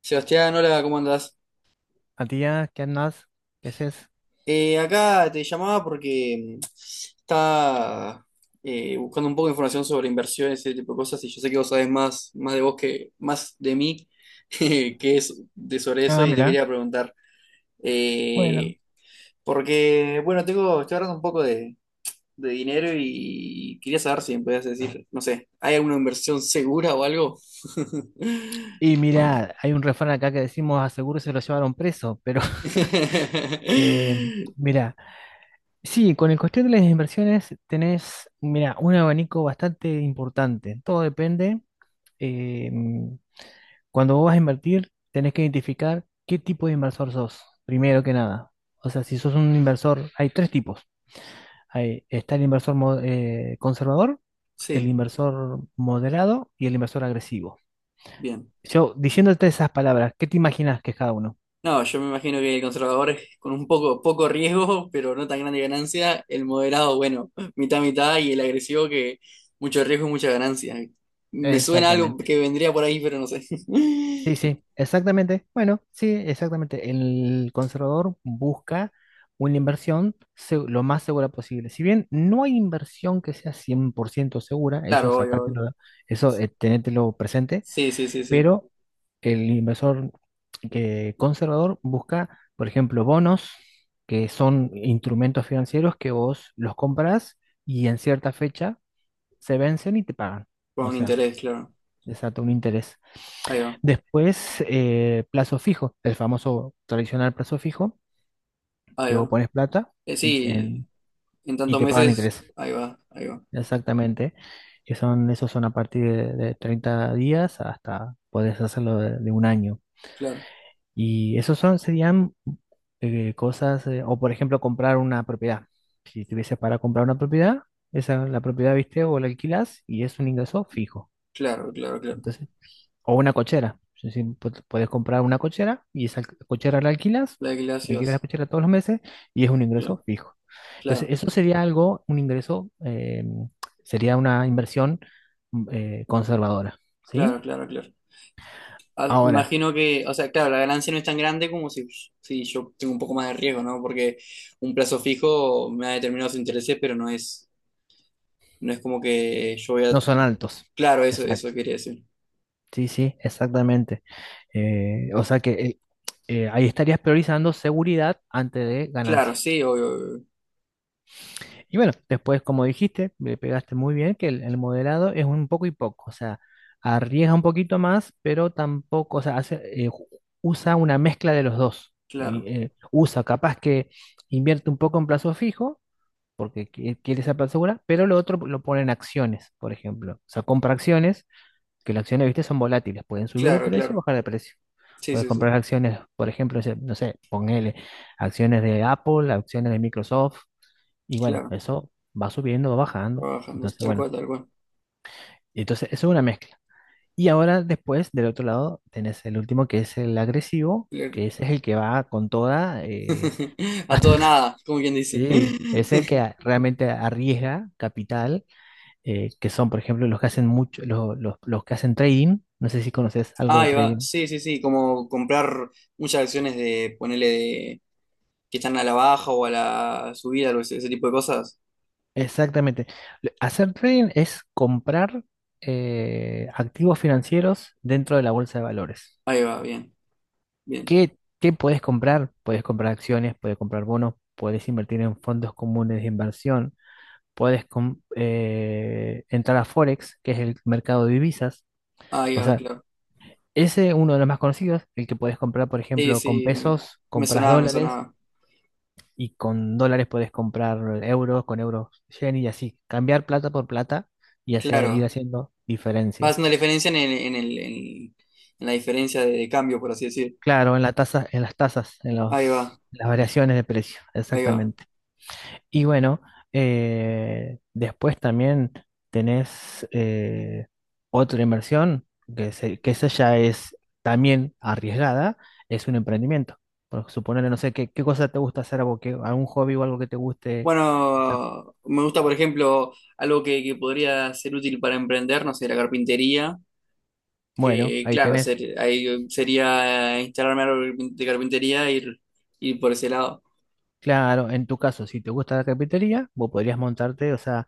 Sebastián, hola, ¿cómo andás? A tía, ¿qué andás? ¿Qué haces? Acá te llamaba porque estaba buscando un poco de información sobre inversiones y ese tipo de cosas, y yo sé que vos sabés más de vos que más de mí que es de sobre eso, Ah, y te mira. quería preguntar. eh, Porque, bueno, tengo, estoy ahorrando un poco de dinero y quería saber si me podías decir, no sé, ¿hay alguna inversión segura o algo? Y mira, hay un refrán acá que decimos, a seguro se lo llevaron preso, pero eh, mira, sí, con el cuestión de las inversiones tenés, mira, un abanico bastante importante. Todo depende. eh, Cuando vos vas a invertir, tenés que identificar qué tipo de inversor sos, primero que nada. O sea, si sos un inversor, hay tres tipos. Hay, está el inversor conservador, el Sí, inversor moderado y el inversor agresivo. bien. Yo, diciéndote esas palabras, ¿qué te imaginas que es cada uno? No, yo me imagino que el conservador es con un poco riesgo, pero no tan grande ganancia. El moderado, bueno, mitad, mitad, y el agresivo que mucho riesgo y mucha ganancia. Me suena algo Exactamente. que vendría por ahí, pero no sé. Sí, sí, exactamente. Bueno, sí, exactamente. El conservador busca una inversión lo más segura posible. Si bien no hay inversión que sea 100% segura, eso Claro, obvio, obvio. sacártelo, eso tenételo presente, Sí, sí, sí, sí. pero el inversor que conservador busca, por ejemplo, bonos, que son instrumentos financieros que vos los compras y en cierta fecha se vencen y te pagan. Con O un sea, interés, claro. desata un interés. Ahí va, Después, plazo fijo, el famoso tradicional plazo fijo, ahí que vos va. pones plata y, en- Sí, en y tantos te pagan meses, interés. ahí va, ahí va. Exactamente. Que son, esos son a partir de, 30 días hasta podés hacerlo de un año. Claro, Y esos son, serían cosas, o por ejemplo, comprar una propiedad. Si tuvieses para comprar una propiedad, esa la propiedad, viste, o la alquilás y es un ingreso fijo. claro, claro, claro. Entonces, o una cochera. Es decir, puedes comprar una cochera y esa cochera la alquilas, La de alquilas la Glacios, cochera todos los meses y es un claro, ingreso fijo. Entonces, claro, eso sería algo, un ingreso, sería una inversión conservadora, ¿sí? claro, claro, claro. Ah, Ahora, imagino que, o sea, claro, la ganancia no es tan grande como si, si yo tengo un poco más de riesgo, ¿no? Porque un plazo fijo me da determinados intereses, pero no es, no es como que yo voy a... no son altos. Claro, eso, Exacto. eso quería decir. Sí, sí, exactamente. O sea que ahí estarías priorizando seguridad antes de ganancia. Claro, sí, obvio, obvio. Y bueno, después, como dijiste, le pegaste muy bien que el moderado es un poco y poco, o sea, arriesga un poquito más, pero tampoco, o sea, hace, usa una mezcla de los dos. Y, Claro, usa, capaz que invierte un poco en plazo fijo, porque quiere esa plata segura, pero lo otro lo pone en acciones, por ejemplo. O sea, compra acciones, que las acciones, viste, son volátiles, pueden subir de claro, precio o claro. bajar de precio. Sí, Puedes sí, comprar sí, acciones, por ejemplo, no sé, ponele acciones de Apple, acciones de Microsoft y bueno, claro. eso va subiendo, va bajando. Trabajando, Entonces, tal bueno, cual, tal cual. entonces eso es una mezcla. Y ahora después, del otro lado, tenés el último que es el agresivo, Claro. que ese es el que va con toda. A todo nada, como quien dice. Sí, es el que realmente arriesga capital, que son, por ejemplo, los que hacen mucho, los que hacen trading. No sé si conoces algo de Ahí va, trading. sí, sí, sí, como comprar muchas acciones de, ponerle de, que están a la baja o a la subida, o ese tipo de cosas. Exactamente. Hacer trading es comprar activos financieros dentro de la bolsa de valores. Ahí va, bien, bien. ¿Qué puedes comprar? Puedes comprar acciones, puedes comprar bonos, puedes invertir en fondos comunes de inversión, puedes entrar a Forex, que es el mercado de divisas. Ahí O va, sea, claro. ese es uno de los más conocidos, el que puedes comprar, por Sí, ejemplo, con sí, mm, pesos, me compras sonaba, me dólares sonaba. y con dólares puedes comprar euros, con euros yen y así, cambiar plata por plata y hacer, ir Claro. haciendo diferencia. Vas una diferencia en en la diferencia de cambio, por así decir. Claro, en la tasa, en las tasas, en Ahí va, los, las variaciones de precio, ahí va. exactamente. Y bueno, después también tenés otra inversión, que, que esa ya es también arriesgada, es un emprendimiento. Por suponer, no sé, ¿qué cosa te gusta hacer? ¿Algo que, algún hobby o algo que te guste hacer? Bueno, me gusta, por ejemplo, algo que podría ser útil para emprender, no sé, la carpintería, Bueno, que ahí claro, tenés. Ahí sería instalarme algo de carpintería e ir, ir por ese lado. Claro, en tu caso, si te gusta la carpintería, vos podrías montarte, o sea,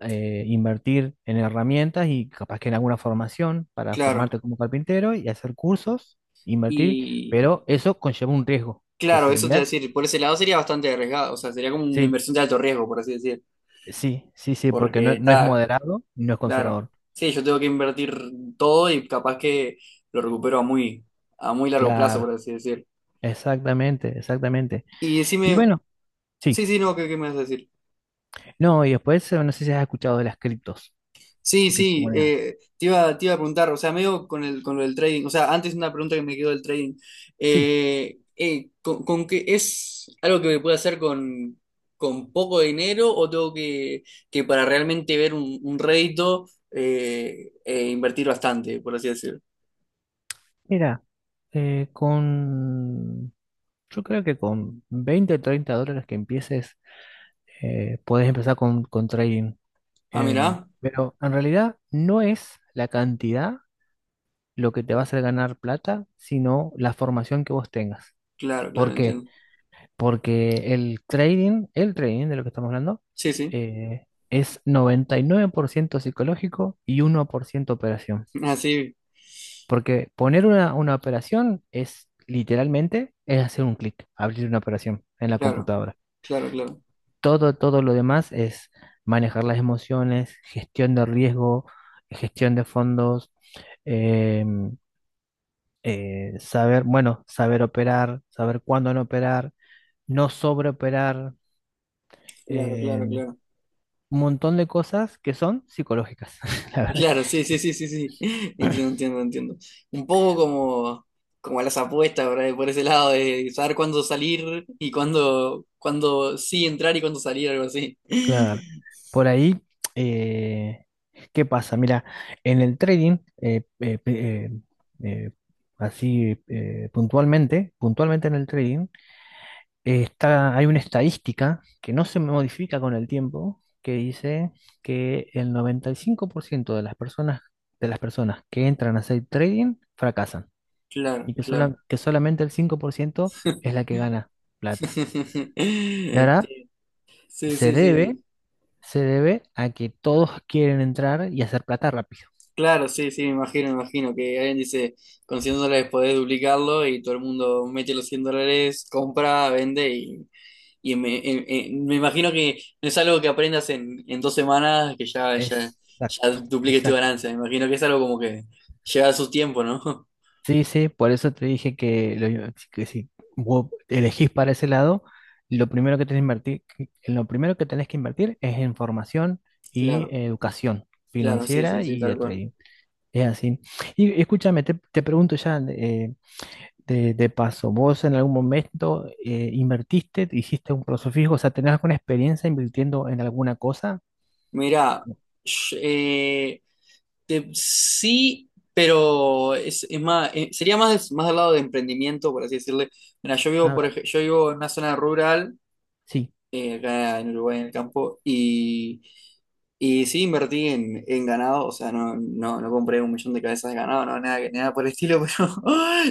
invertir en herramientas y capaz que en alguna formación para Claro. formarte como carpintero y hacer cursos, invertir, Y pero eso conlleva un riesgo, que claro, eso te iba a sería, decir, por ese lado sería bastante arriesgado, o sea, sería como una sí, inversión de alto riesgo, por así decir. sí, sí, sí, porque Porque no, no es está, moderado y no es claro. conservador. Sí, yo tengo que invertir todo y capaz que lo recupero a muy largo plazo, por Claro, así decir. exactamente, exactamente. Y Y decime, bueno, sí. sí, sí, no, ¿qué, qué me vas a decir? No, y después, no sé si has escuchado de las criptos, Sí, sí, criptomonedas. Te iba a preguntar, o sea, medio con el, con lo del trading, o sea, antes una pregunta que me quedó del trading. Sí, Con qué es algo que me pueda hacer con poco dinero o tengo que para realmente ver un rédito invertir bastante, por así decir? mira, eh, con... Yo creo que con 20, 30 dólares que empieces, puedes empezar con trading. Ah, mira. Pero en realidad no es la cantidad lo que te va a hacer ganar plata, sino la formación que vos tengas. Claro, claro, ¿Por qué? entiendo. Porque el trading de lo que estamos hablando, Sí, sí. Es 99% psicológico y 1% operación. Así, Porque poner una operación es literalmente es hacer un clic, abrir una operación en la claro, computadora. claro, claro, Todo lo demás es manejar las emociones, gestión de riesgo, gestión de fondos, eh, saber, bueno, saber operar, saber cuándo no operar, no sobreoperar, claro, claro, eh, claro. un montón de cosas que son psicológicas. La verdad Claro, sí, que, sí, sí, sí, sí. Entiendo, entiendo, entiendo. Un poco como, como las apuestas, ¿verdad? Por ese lado de saber cuándo salir y cuándo, cuándo sí entrar y cuándo salir, algo así. claro, por ahí, eh, ¿qué pasa? Mira, en el trading, eh, así puntualmente, puntualmente en el trading, está, hay una estadística que no se modifica con el tiempo, que dice que el 95% de las personas, que entran a hacer trading fracasan Claro, y que, claro. Que solamente el 5% es la que gana plata. Y ahora Sí, se sí, debe, sí. se debe a que todos quieren entrar y hacer plata rápido. Claro, sí, sí, me imagino que alguien dice, con 100 dólares podés duplicarlo y todo el mundo mete los 100 dólares, compra, vende. Y me, me imagino que no es algo que aprendas en 2 semanas, que ya, ya, ya Exacto, dupliques tu exacto. ganancia. Me imagino que es algo como que lleva su tiempo, ¿no? Sí, sí, por eso te dije que, que si vos elegís para ese lado, lo primero que tenés que invertir, lo primero que tenés que invertir es en formación y Claro, educación claro, sí, sí, financiera sí, y tal de cual. trading. Es así. Y escúchame, te pregunto ya de paso, ¿vos en algún momento invertiste, hiciste un plazo fijo, o sea, tenés alguna experiencia invirtiendo en alguna cosa? Mira, sh- eh, sí, pero es más, sería más, más al lado de emprendimiento, por así decirle. Mira, yo vivo, A ver, yo vivo en una zona rural, sí. Acá en Uruguay, en el campo. Y sí invertí en ganado, o sea, no, no, no compré un millón de cabezas de ganado, no, nada, nada por el estilo, pero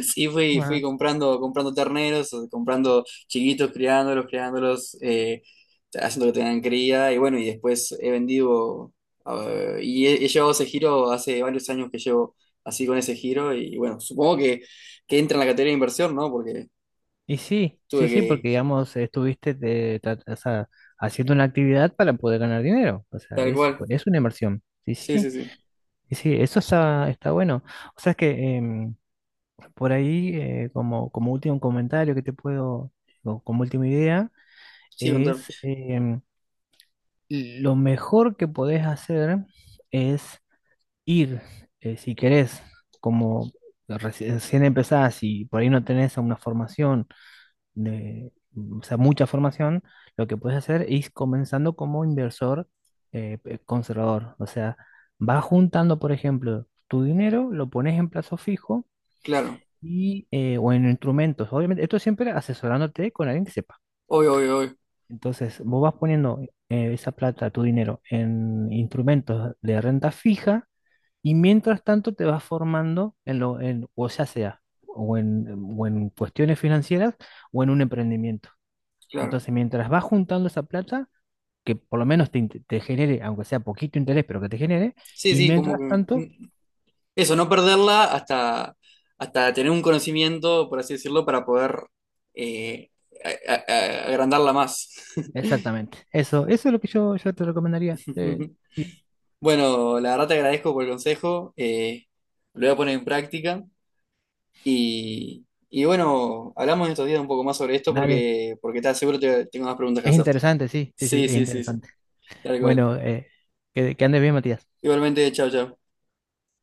sí fui, fui comprando, comprando terneros, o sea, comprando chiquitos, criándolos, criándolos, haciendo que tengan cría, y bueno, y después he vendido, y he, he llevado ese giro hace varios años que llevo así con ese giro, y bueno, supongo que entra en la categoría de inversión, ¿no? Porque Y sí, sí, tuve sí, que, porque digamos, estuviste o sea, haciendo una actividad para poder ganar dinero. O sea, tal es, cual, es una inversión. Sí, sí, sí, sí, sí, sí, sí, eso está bueno. O sea, es que em, por ahí, como último comentario que te puedo, o como última idea, sí, contar, es lo mejor que podés hacer es ir, si querés, como recién empezás y por ahí no tenés una formación de, o sea, mucha formación, lo que puedes hacer es comenzando como inversor conservador. O sea, vas juntando, por ejemplo, tu dinero, lo pones en plazo fijo claro, y, o en instrumentos. Obviamente, esto siempre asesorándote con alguien que sepa. obvio, obvio, obvio, Entonces, vos vas poniendo esa plata, tu dinero, en instrumentos de renta fija y mientras tanto te vas formando en lo, en, o ya sea, o en, cuestiones financieras o en un emprendimiento. claro. Entonces, mientras vas juntando esa plata, que por lo menos te genere, aunque sea poquito interés, pero que te genere, Sí, y sí, como que... mientras tanto, mm, eso, no perderla hasta, hasta tener un conocimiento, por así decirlo, para poder eh, agrandarla más. exactamente. Eso es lo que yo te recomendaría. Sí, sí, Bueno, la verdad te agradezco por el consejo, lo voy a poner en práctica y bueno, hablamos en estos días un poco más sobre esto dale. porque, porque te aseguro que tengo más preguntas que Es hacerte. interesante, sí, sí, sí, Sí, es sí, sí, sí, interesante. tal cual. Bueno, que andes bien, Matías. Igualmente, chao, chao.